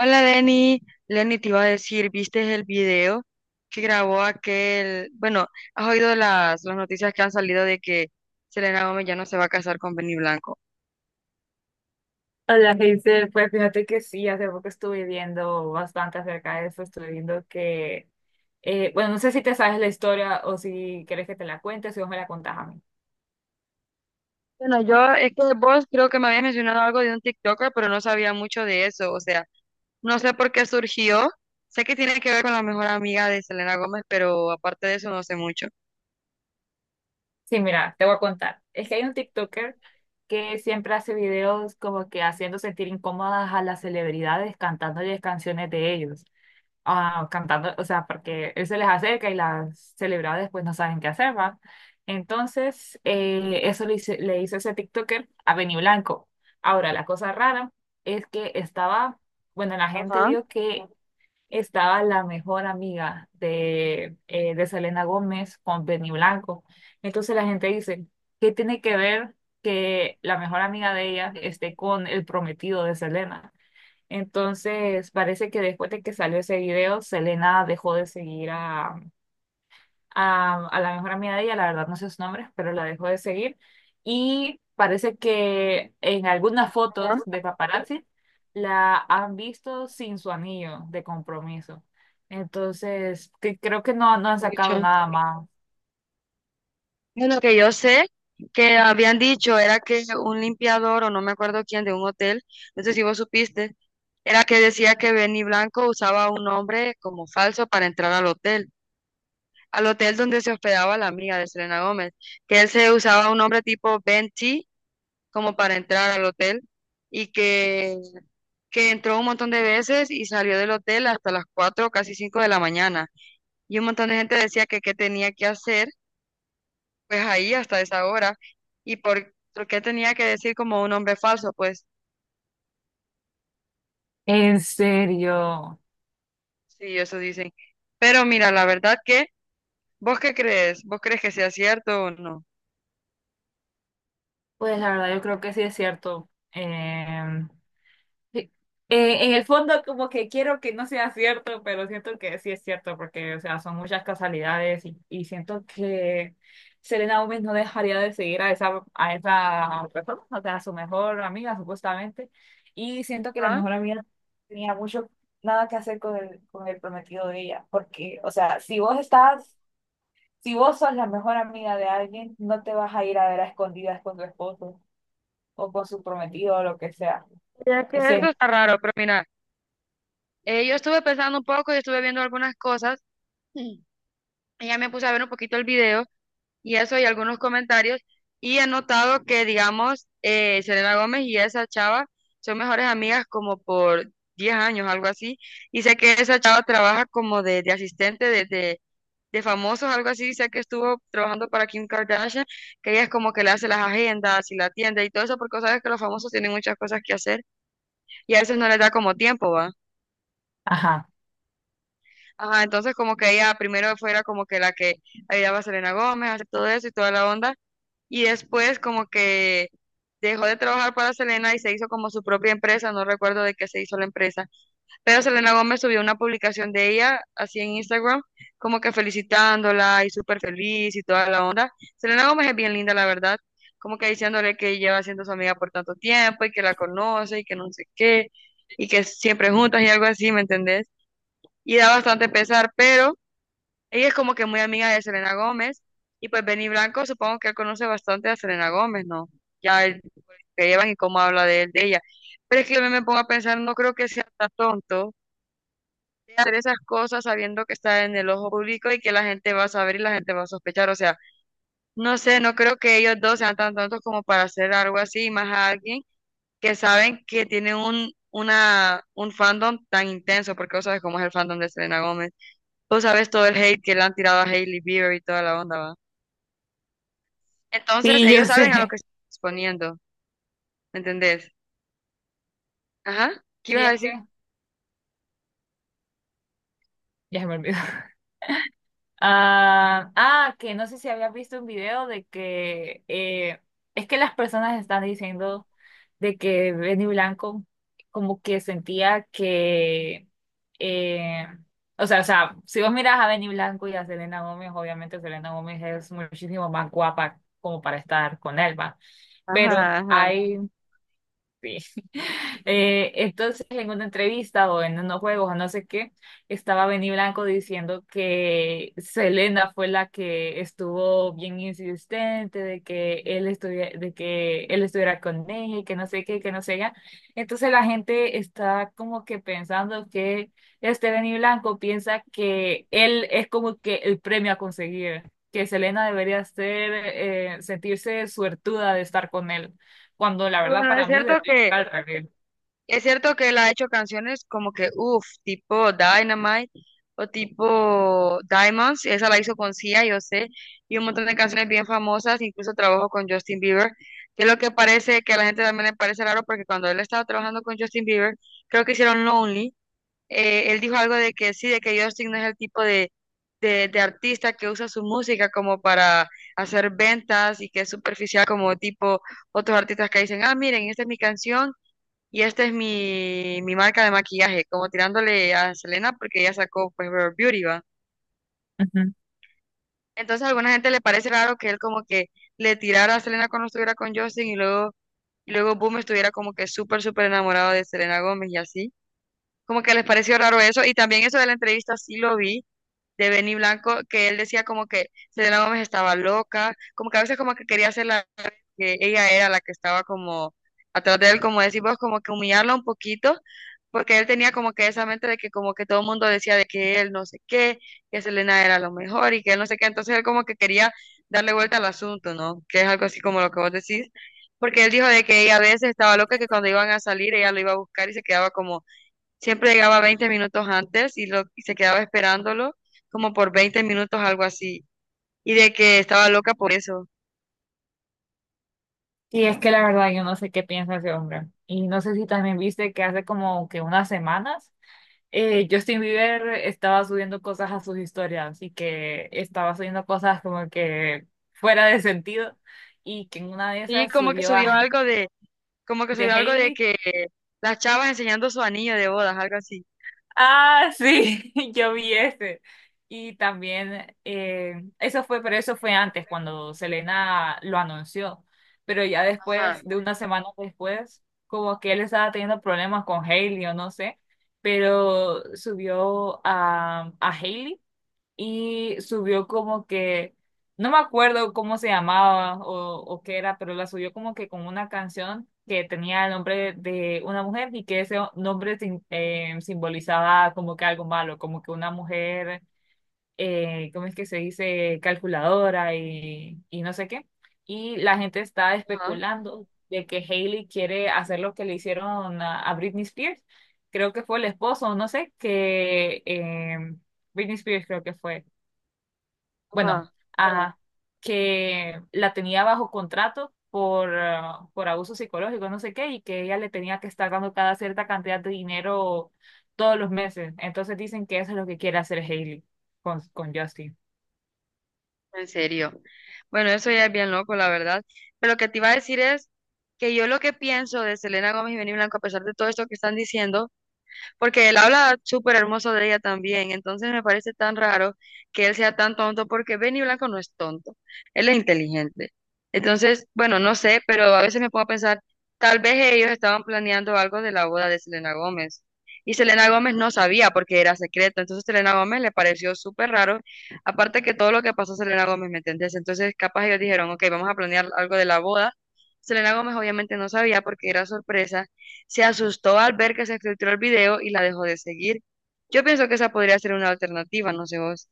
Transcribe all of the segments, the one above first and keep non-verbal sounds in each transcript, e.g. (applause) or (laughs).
Hola, Lenny. Lenny, te iba a decir, ¿viste el video que grabó aquel? Bueno, ¿has oído las noticias que han salido de que Selena Gómez ya no se va a casar con Benny Blanco? Hola, Hazel. Pues fíjate que sí, hace poco estuve viendo bastante acerca de eso. Estuve viendo que, bueno, no sé si te sabes la historia o si quieres que te la cuente, si vos me la contás a mí. Bueno, yo es que vos creo que me habías mencionado algo de un TikToker, pero no sabía mucho de eso. O sea, no sé por qué surgió. Sé que tiene que ver con la mejor amiga de Selena Gómez, pero aparte de eso no sé mucho. Sí, mira, te voy a contar. Es que hay un TikToker que siempre hace videos como que haciendo sentir incómodas a las celebridades cantándoles canciones de ellos. Ah, cantando, o sea, porque él se les acerca y las celebradas después no saben qué hacer, ¿va? Entonces, eso le hizo ese TikToker a Benny Blanco. Ahora, la cosa rara es que estaba, bueno, la gente Ajá. vio que estaba la mejor amiga de, de Selena Gómez con Benny Blanco. Entonces la gente dice, ¿qué tiene que ver que la mejor amiga de ella esté con el prometido de Selena? Entonces, parece que después de que salió ese video, Selena dejó de seguir a la mejor amiga de ella, la verdad no sé sus nombres, pero la dejó de seguir. Y parece que en algunas fotos Ajá. de paparazzi la han visto sin su anillo de compromiso. Entonces, que creo que no, no han Mucho. sacado nada más. Bueno, que yo sé que habían dicho era que un limpiador o no me acuerdo quién de un hotel, no sé si vos supiste, era que decía que Benny Blanco usaba un nombre como falso para entrar al hotel donde se hospedaba la amiga de Selena Gómez, que él se usaba un nombre tipo Ben T como para entrar al hotel y que entró un montón de veces y salió del hotel hasta las 4 casi 5 de la mañana. Y un montón de gente decía que qué tenía que hacer pues ahí hasta esa hora. ¿Y por qué tenía que decir como un hombre falso? Pues En serio. sí, eso dicen. Pero mira, la verdad que, ¿vos qué crees? ¿Vos crees que sea cierto o no? Pues la verdad yo creo que sí es cierto. Sí. En el fondo como que quiero que no sea cierto, pero siento que sí es cierto porque, o sea, son muchas casualidades y siento que Selena Gómez no dejaría de seguir a a esa persona, o sea, a su mejor amiga supuestamente, y siento que la Ajá. mejor amiga no tenía mucho nada que hacer con con el prometido de ella, porque, o sea, si vos sos la mejor amiga de alguien, no te vas a ir a ver a escondidas con tu esposo o con su prometido o lo que sea. Ya que eso Sí. está raro, pero mira, yo estuve pensando un poco y estuve viendo algunas cosas. Mm. Y ya me puse a ver un poquito el video y eso y algunos comentarios. Y he notado que, digamos, Selena Gómez y esa chava son mejores amigas como por 10 años, algo así. Y sé que esa chava trabaja como de asistente de famosos, algo así. Sé que estuvo trabajando para Kim Kardashian, que ella es como que le hace las agendas y la tienda y todo eso, porque sabes que los famosos tienen muchas cosas que hacer y a veces no les da como tiempo, ¿va? Ajá. Ajá, entonces como que ella primero fuera como que la que ayudaba a Selena Gómez a hacer todo eso y toda la onda. Y después como que dejó de trabajar para Selena y se hizo como su propia empresa, no recuerdo de qué se hizo la empresa, pero Selena Gómez subió una publicación de ella así en Instagram, como que felicitándola y súper feliz y toda la onda. Selena Gómez es bien linda, la verdad, como que diciéndole que lleva siendo su amiga por tanto tiempo y que la conoce y que no sé qué, y que siempre juntas y algo así, ¿me entendés? Y da bastante pesar, pero... Ella es como que muy amiga de Selena Gómez y pues Benny Blanco supongo que él conoce bastante a Selena Gómez, ¿no? Ya él, pues, que llevan y cómo habla de él, de ella. Pero es que yo me pongo a pensar, no creo que sea tan tonto de hacer esas cosas sabiendo que está en el ojo público y que la gente va a saber y la gente va a sospechar. O sea, no sé, no creo que ellos dos sean tan tontos como para hacer algo así, y más a alguien que saben que tiene un, una, un fandom tan intenso, porque vos sabes cómo es el fandom de Selena Gómez. Vos sabés todo el hate que le han tirado a Hailey Bieber y toda la onda, ¿va? Entonces, Sí, ellos yo saben a lo sé. que se están exponiendo, ¿me entendés? Ajá, ¿qué Sí, ibas a es decir? que ya se me olvidó. (laughs) Ah, que no sé si habías visto un video de que, es que las personas están diciendo de que Benny Blanco como que sentía que eh, o sea, si vos miras a Benny Blanco y a Selena Gómez, obviamente Selena Gómez es muchísimo más guapa como para estar con él, ¿va? Pero Ajá, ajá. hay, sí. (laughs) Entonces, en una entrevista o en unos juegos o no sé qué, estaba Benny Blanco diciendo que Selena fue la que estuvo bien insistente de que él estuviera, de que él estuviera con ella y que no sé qué, que no sé ya. Entonces la gente está como que pensando que este Benny Blanco piensa que él es como que el premio a conseguir, que Selena debería ser, sentirse suertuda de estar con él cuando la Y verdad bueno, para mí debería estar al revés. es cierto que él ha hecho canciones como que, uff, tipo Dynamite o tipo Diamonds, esa la hizo con Sia, yo sé, y un montón de canciones bien famosas, incluso trabajó con Justin Bieber, que es lo que parece, que a la gente también le parece raro, porque cuando él estaba trabajando con Justin Bieber, creo que hicieron Lonely, él dijo algo de que sí, de que Justin no es el tipo de artista que usa su música como para hacer ventas y que es superficial como tipo otros artistas que dicen, ah, miren, esta es mi canción y esta es mi marca de maquillaje, como tirándole a Selena porque ella sacó pues Rare Beauty, ¿va? Ujú. Entonces a alguna gente le parece raro que él como que le tirara a Selena cuando estuviera con Justin y luego Boom estuviera como que súper, súper enamorado de Selena Gómez y así. Como que les pareció raro eso. Y también eso de la entrevista sí lo vi de Benny Blanco, que él decía como que Selena Gómez estaba loca, como que a veces como que quería hacer la que ella era la que estaba como atrás de él, como decís vos, como que humillarla un poquito, porque él tenía como que esa mente de que como que todo el mundo decía de que él no sé qué, que Selena era lo mejor y que él no sé qué, entonces él como que quería darle vuelta al asunto, ¿no? Que es algo así como lo que vos decís, porque él dijo de que ella a veces estaba loca, que cuando iban a salir ella lo iba a buscar y se quedaba como siempre llegaba 20 minutos antes y, lo, y se quedaba esperándolo como por 20 minutos, algo así. Y de que estaba loca por eso. Sí, es que la verdad yo no sé qué piensa ese hombre. Y no sé si también viste que hace como que unas semanas Justin Bieber estaba subiendo cosas a sus historias y que estaba subiendo cosas como que fuera de sentido y que en una de Y esas como que subió a subió algo de, como que de subió algo de Hailey. que las chavas enseñando su anillo de bodas, algo así. Ah, sí, (laughs) yo vi ese. Y también, eso fue, pero eso fue antes, cuando Selena lo anunció. Pero ya Ajá, después, de una semana después, como que él estaba teniendo problemas con Hailey o no sé, pero subió a Hailey y subió como que, no me acuerdo cómo se llamaba o qué era, pero la subió como que con una canción que tenía el nombre de una mujer y que ese nombre simbolizaba como que algo malo, como que una mujer, ¿cómo es que se dice? Calculadora y no sé qué. Y la gente está ajá, especulando de que Hailey quiere hacer lo que le hicieron a Britney Spears. Creo que fue el esposo, no sé, que em, Britney Spears creo que fue bueno, ajá, a, que la tenía bajo contrato por, por abuso psicológico, no sé qué, y que ella le tenía que estar dando cada cierta cantidad de dinero todos los meses. Entonces dicen que eso es lo que quiere hacer Hailey con Justin. en serio. Bueno, eso ya es bien loco, la verdad. Pero lo que te iba a decir es que yo lo que pienso de Selena Gómez y Benny Blanco, a pesar de todo esto que están diciendo, porque él habla súper hermoso de ella también, entonces me parece tan raro que él sea tan tonto, porque Benny Blanco no es tonto, él es inteligente. Entonces, bueno, no sé, pero a veces me pongo a pensar, tal vez ellos estaban planeando algo de la boda de Selena Gómez. Y Selena Gómez no sabía porque era secreto, entonces Selena Gómez le pareció súper raro, aparte que todo lo que pasó a Selena Gómez, ¿me entendés? Entonces capaz ellos dijeron, ok, vamos a planear algo de la boda, Selena Gómez obviamente no sabía porque era sorpresa se asustó al ver que se filtró el video y la dejó de seguir. Yo pienso que esa podría ser una alternativa, no sé vos.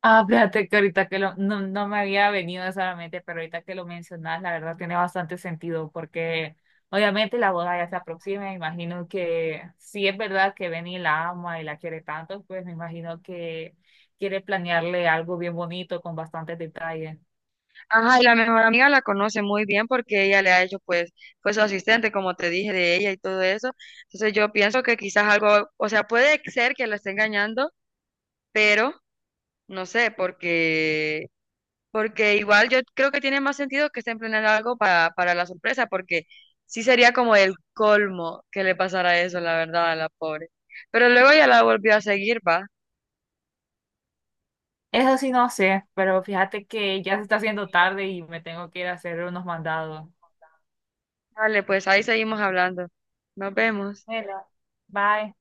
Ah, fíjate que ahorita que lo, no, no me había venido eso a la mente, pero ahorita que lo mencionas, la verdad tiene bastante sentido, porque obviamente la boda ya se aproxima, me imagino que si es verdad que Benny la ama y la quiere tanto, pues me imagino que quiere planearle algo bien bonito con bastantes detalles. Ajá, y la mejor amiga la conoce muy bien porque ella le ha hecho, pues, fue su asistente, como te dije, de ella y todo eso. Entonces yo pienso que quizás algo, o sea, puede ser que la esté engañando, pero no sé, porque, porque igual yo creo que tiene más sentido que estén planeando algo para la sorpresa, porque sí sería como el colmo que le pasara eso, la verdad, a la pobre. Pero luego ya la volvió a seguir, va. Eso sí no sé, pero fíjate que ya se está haciendo tarde y me tengo que ir a hacer unos mandados. Dale, pues ahí seguimos hablando. Nos vemos. Bueno, bye.